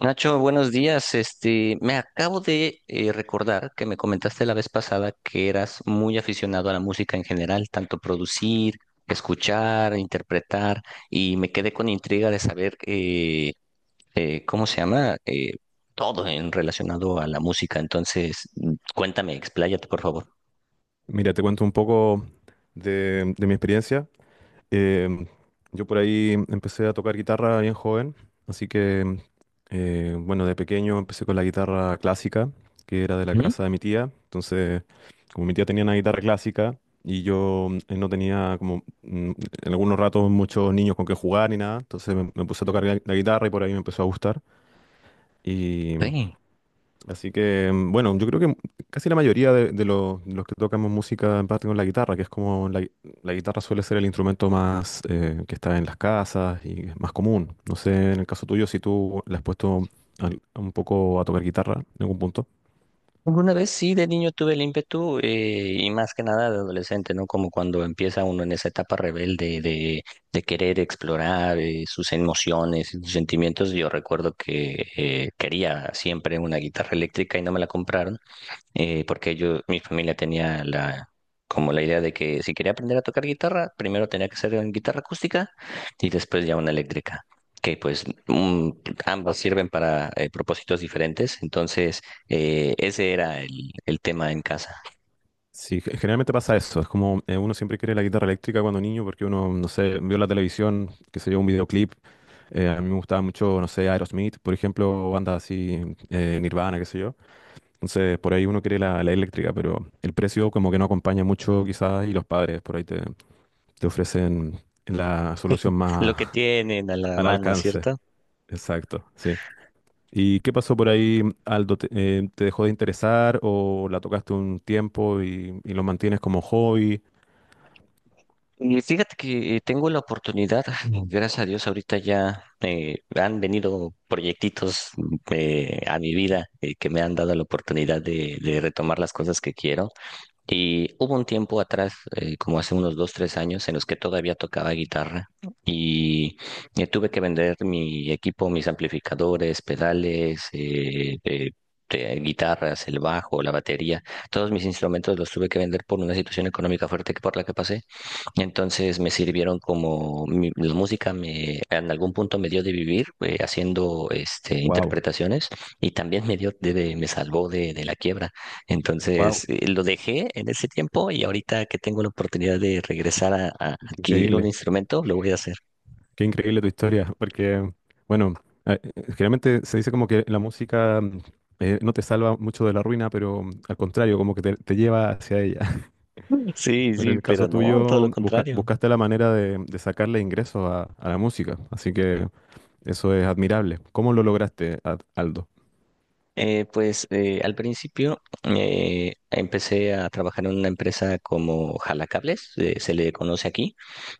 Nacho, buenos días. Me acabo de recordar que me comentaste la vez pasada que eras muy aficionado a la música en general, tanto producir, escuchar, interpretar, y me quedé con intriga de saber cómo se llama todo en relacionado a la música. Entonces, cuéntame, expláyate, por favor. Mira, te cuento un poco de mi experiencia. Em, yo por ahí empecé a tocar guitarra bien joven, así que, bueno, de pequeño empecé con la guitarra clásica, que era de la ¿Mm? casa de mi tía. Entonces, como mi tía tenía una guitarra clásica y yo no tenía como en algunos ratos muchos niños con que jugar ni nada, entonces me puse a Ujú. tocar la guitarra y por ahí me empezó a gustar. Ok. Así que, bueno, yo creo que casi la mayoría de los de los que tocamos música en parte con la guitarra, que es como la guitarra suele ser el instrumento más que está en las casas y es más común. No sé, en el caso tuyo, si tú le has puesto un poco a tocar guitarra en algún punto. Alguna vez sí, de niño tuve el ímpetu y más que nada de adolescente, ¿no? Como cuando empieza uno en esa etapa rebelde de querer explorar sus emociones y sus sentimientos. Yo recuerdo que quería siempre una guitarra eléctrica y no me la compraron porque yo, mi familia tenía la, como la idea de que si quería aprender a tocar guitarra, primero tenía que ser en guitarra acústica y después ya una eléctrica, que pues ambas sirven para propósitos diferentes, entonces ese era el tema en casa, Sí, generalmente pasa eso. Es como uno siempre quiere la guitarra eléctrica cuando niño porque uno, no sé, vio la televisión, que se yo, un videoclip. A mí me gustaba mucho, no sé, Aerosmith, por ejemplo, bandas así, Nirvana, qué sé yo. Entonces, por ahí uno quiere la eléctrica, pero el precio como que no acompaña mucho quizás y los padres por ahí te ofrecen la solución lo más que tienen a la al mano, alcance. ¿cierto? Exacto, sí. ¿Y qué pasó por ahí, Aldo? Te dejó de interesar o la tocaste un tiempo y lo mantienes como hobby? Y fíjate que tengo la oportunidad, gracias a Dios, ahorita ya han venido proyectitos a mi vida que me han dado la oportunidad de retomar las cosas que quiero. Y hubo un tiempo atrás, como hace unos dos, tres años, en los que todavía tocaba guitarra y tuve que vender mi equipo, mis amplificadores, pedales, guitarras, el bajo, la batería, todos mis instrumentos los tuve que vender por una situación económica fuerte que por la que pasé. Entonces me sirvieron como la música me en algún punto me dio de vivir haciendo Wow, interpretaciones y también me dio de, me salvó de la quiebra. wow, Entonces lo dejé en ese tiempo y ahorita que tengo la oportunidad de regresar a qué adquirir un increíble, instrumento, lo voy a hacer. qué increíble tu historia, porque, bueno, generalmente se dice como que la música no te salva mucho de la ruina, pero al contrario, como que te lleva hacia ella. Sí, Bueno, en sí, el pero caso no, tuyo, todo lo contrario. buscaste la manera de sacarle ingresos a la música, así que eso es admirable. ¿Cómo lo lograste, Aldo? Pues al principio empecé a trabajar en una empresa como jalacables, se le conoce aquí.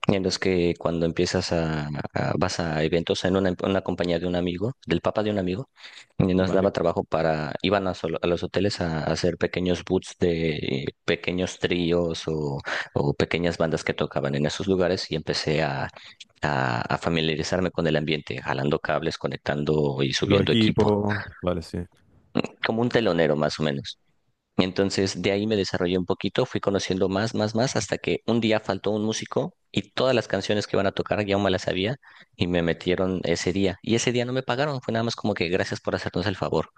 En los que cuando empiezas a, vas a eventos en una compañía de un amigo, del papá de un amigo, y nos Vale, daba trabajo para, iban a, a los hoteles a hacer pequeños boots de pequeños tríos o pequeñas bandas que tocaban en esos lugares y empecé a familiarizarme con el ambiente, jalando cables, conectando y los subiendo equipo, equipos, vale, sí. como un telonero más o menos. Entonces, de ahí me desarrollé un poquito, fui conociendo más, más, más, hasta que un día faltó un músico y todas las canciones que iban a tocar ya me las sabía y me metieron ese día. Y ese día no me pagaron, fue nada más como que gracias por hacernos el favor.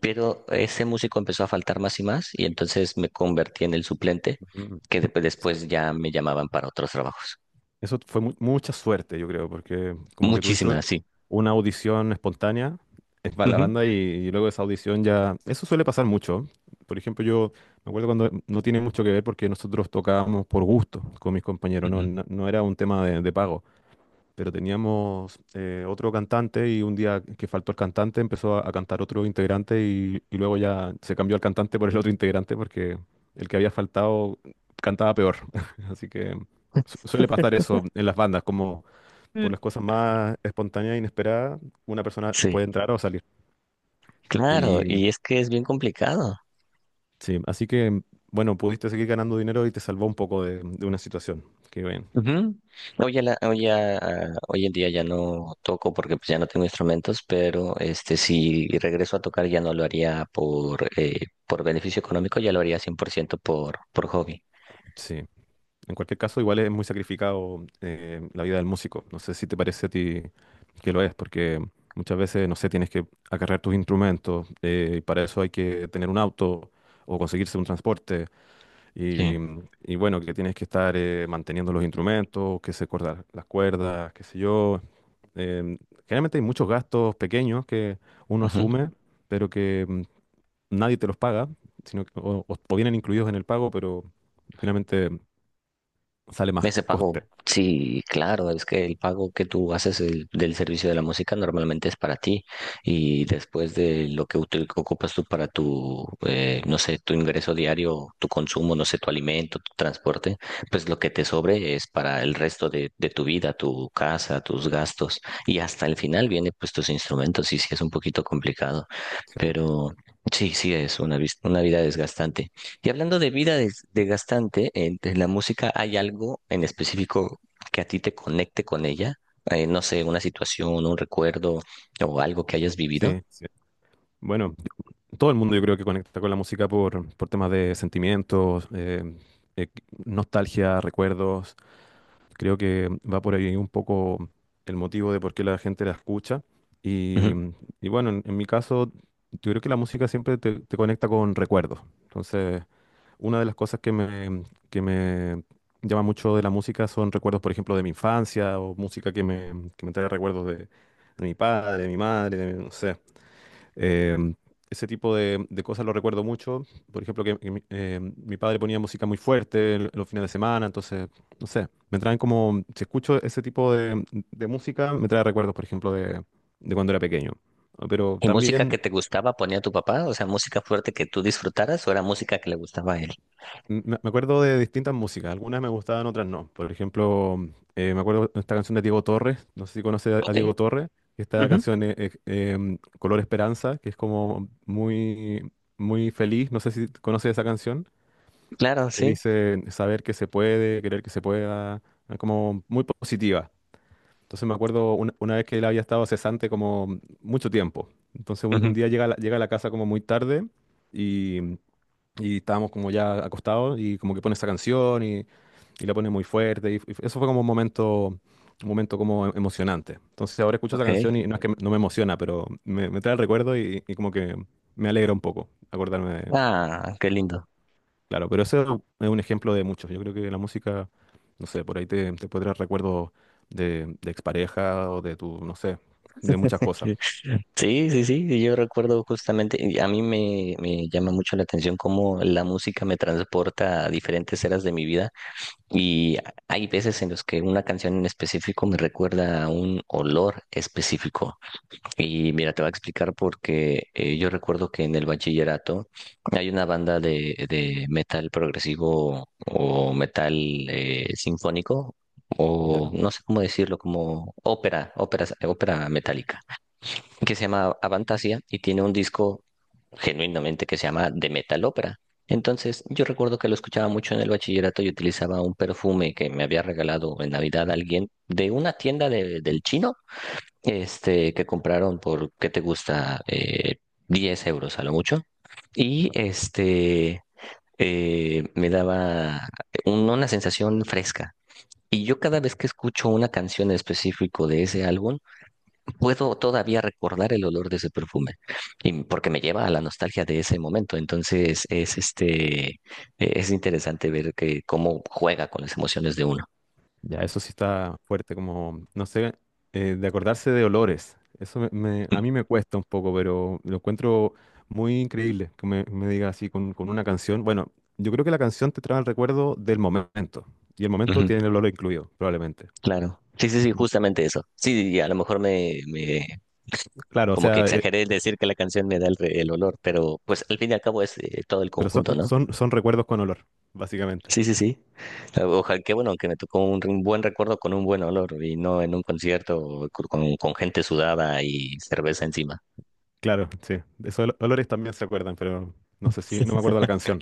Pero ese músico empezó a faltar más y más y entonces me convertí en el suplente, Ujú, que sí. después ya me llamaban para otros trabajos. Eso fue mucha suerte, yo creo, porque como que tuviste Muchísimas, sí. una audición espontánea para la Ujú, banda y luego esa audición ya... Eso suele pasar mucho. Por ejemplo, yo me acuerdo cuando no tiene mucho que ver porque nosotros tocábamos por gusto con mis compañeros, no, ujú. no, no era un tema de pago. Pero teníamos otro cantante y un día que faltó el cantante empezó a cantar otro integrante y luego ya se cambió el cantante por el otro integrante porque el que había faltado cantaba peor. Así que suele pasar eso en las bandas, como por Mm. las cosas más espontáneas e inesperadas, una persona Sí, puede entrar o salir. claro, Y y es que es bien complicado. sí, así que bueno, pudiste seguir ganando dinero y te salvó un poco de una situación. Qué bien. Ujú. Hoy, a la- hoy, a- hoy en día ya no toco porque pues ya no tengo instrumentos, pero si regreso a tocar ya no lo haría por beneficio económico, ya lo haría 100% por, ciento por hobby. Sí. En cualquier caso, igual es muy sacrificado la vida del músico. No sé si te parece a ti que lo es, porque muchas veces, no sé, tienes que acarrear tus instrumentos, y para eso hay que tener un auto o conseguirse un transporte, y, Sí. y bueno, que tienes que estar manteniendo los instrumentos, que se cortan las cuerdas, qué sé yo. Em, Generalmente hay muchos gastos pequeños que uno Ujú. asume, pero que nadie te los paga, sino que- o vienen incluidos en el pago, pero finalmente sale más Ese coste. pago, sí, claro, es que el pago que tú haces del servicio de la música normalmente es para ti y después de lo que ocupas tú para tu, no sé, tu ingreso diario, tu consumo, no sé, tu alimento, tu transporte, pues lo que te sobre es para el resto de tu vida, tu casa, tus gastos y hasta el final viene pues tus instrumentos y sí es un poquito complicado, Sí, pero sí, sí es una, una vida desgastante. Y hablando de vida desgastante, entre la música hay algo en específico que a ti te conecte con ella? No sé, una situación, un recuerdo o algo que hayas vivido. sí, sí. Bueno, todo el mundo yo creo que conecta con la música por temas de sentimientos, eh, nostalgia, recuerdos. Creo que va por ahí un poco el motivo de por qué la gente la escucha. Y, Ujú. y bueno, en mi caso, yo creo que la música siempre te conecta con recuerdos. Entonces, una de las cosas que que me llama mucho de la música son recuerdos, por ejemplo, de mi infancia o música que que me trae recuerdos de mi padre, de mi madre, de- no sé. Em, Ese tipo de cosas lo recuerdo mucho. Por ejemplo, que mi, mi padre ponía música muy fuerte en los fines de semana, entonces, no sé, me traen como, si escucho ese tipo de música, me trae recuerdos, por ejemplo, de cuando era pequeño. Pero ¿Y música que también te gustaba ponía tu papá? O sea, música fuerte que tú disfrutaras o era música que le gustaba a él. me acuerdo de distintas músicas, algunas me gustaban, otras no. Por ejemplo, me acuerdo de esta canción de Diego Torres, no sé si conoces a Ok. Diego Torres, esta Ujú. canción Color Esperanza, que es como muy, muy feliz, no sé si conoces esa canción, Claro, que sí. dice saber que se puede, querer que se pueda, como muy positiva. Entonces me acuerdo una vez que él había estado cesante como mucho tiempo. Entonces un Ujú. día llega a la casa como muy tarde. Y y estábamos como ya acostados y como que pone esa canción y la pone muy fuerte. Y, eso fue como un momento como emocionante. Entonces ahora escucho esa Ok. canción y no es que no me emociona, pero me trae el recuerdo y como que me alegra un poco acordarme de- Ah, qué lindo. Claro, pero ese es un ejemplo de muchos. Yo creo que la música, no sé, por ahí te puede traer recuerdos de expareja o de tu, no sé, de muchas cosas. Sí, sí, sí, y yo recuerdo justamente, y a mí me, me llama mucho la atención cómo la música me transporta a diferentes eras de mi vida y hay veces en los que una canción en específico me recuerda a un olor específico. Y mira, te voy a explicar porque yo recuerdo que en el bachillerato hay una banda de metal progresivo o metal sinfónico. O ¿Ya? no sé cómo decirlo, como ópera metálica que se llama Avantasia y tiene un disco genuinamente que se llama The Metal Opera. Entonces, yo recuerdo que lo escuchaba mucho en el bachillerato y utilizaba un perfume que me había regalado en Navidad alguien de una tienda Ujú. del chino, que compraron por, ¿qué te gusta? 10 euros a lo mucho. Y este, Me daba una sensación fresca. Y yo cada vez que escucho una canción en específico de ese álbum, puedo todavía recordar el olor de ese perfume, y porque me lleva a la nostalgia de ese momento. Vale. Entonces es interesante ver que cómo juega con las emociones de uno. Ya, eso sí está fuerte, como, no sé, de acordarse de olores. A Mm, mí me cuesta un poco, pero lo encuentro muy increíble que me diga así con una canción. Bueno, yo creo que la canción te trae el recuerdo del momento, y el momento ujú, tiene el olor incluido, probablemente. claro. Sí, sí, sí, Ma- justamente eso. Sí, y a lo mejor me, me Claro, o como que sea, exageré el decir que la canción me da el, el olor, pero pues al fin y al cabo es todo el pero son, conjunto, ¿no? son, son recuerdos con olor, básicamente. Sí, sí, sí. Ojalá que bueno, que me tocó un buen recuerdo con un buen olor y no en un concierto con gente sudada y cerveza encima. Claro, sí. De esos olores también se acuerdan, pero no sé si, no me acuerdo la canción.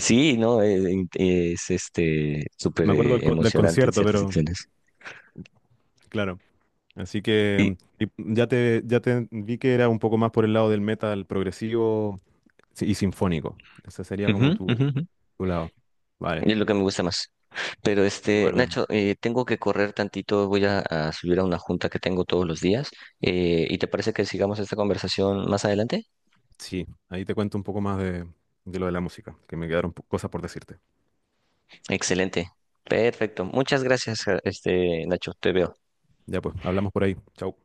Sí, no, eh, es, este súper Me acuerdo del, eh, del emocionante en concierto, ciertas pero situaciones. claro. Así Y, que y ya ya te vi que era un poco más por el lado del metal progresivo sí, y sinfónico. Ese sería ujú, como tu, ujú, ujú. tu lado. Vale, Y es lo que me gusta más. Pero súper bien. Nacho, tengo que correr tantito, voy a subir a una junta que tengo todos los días. ¿Y te parece que sigamos esta conversación más adelante? Sí, ahí te cuento un poco más de lo de la música, que me quedaron cosas por decirte. Excelente. Perfecto. Muchas gracias, ja, Nacho. Te veo. Ya pues, hablamos por ahí. Chau.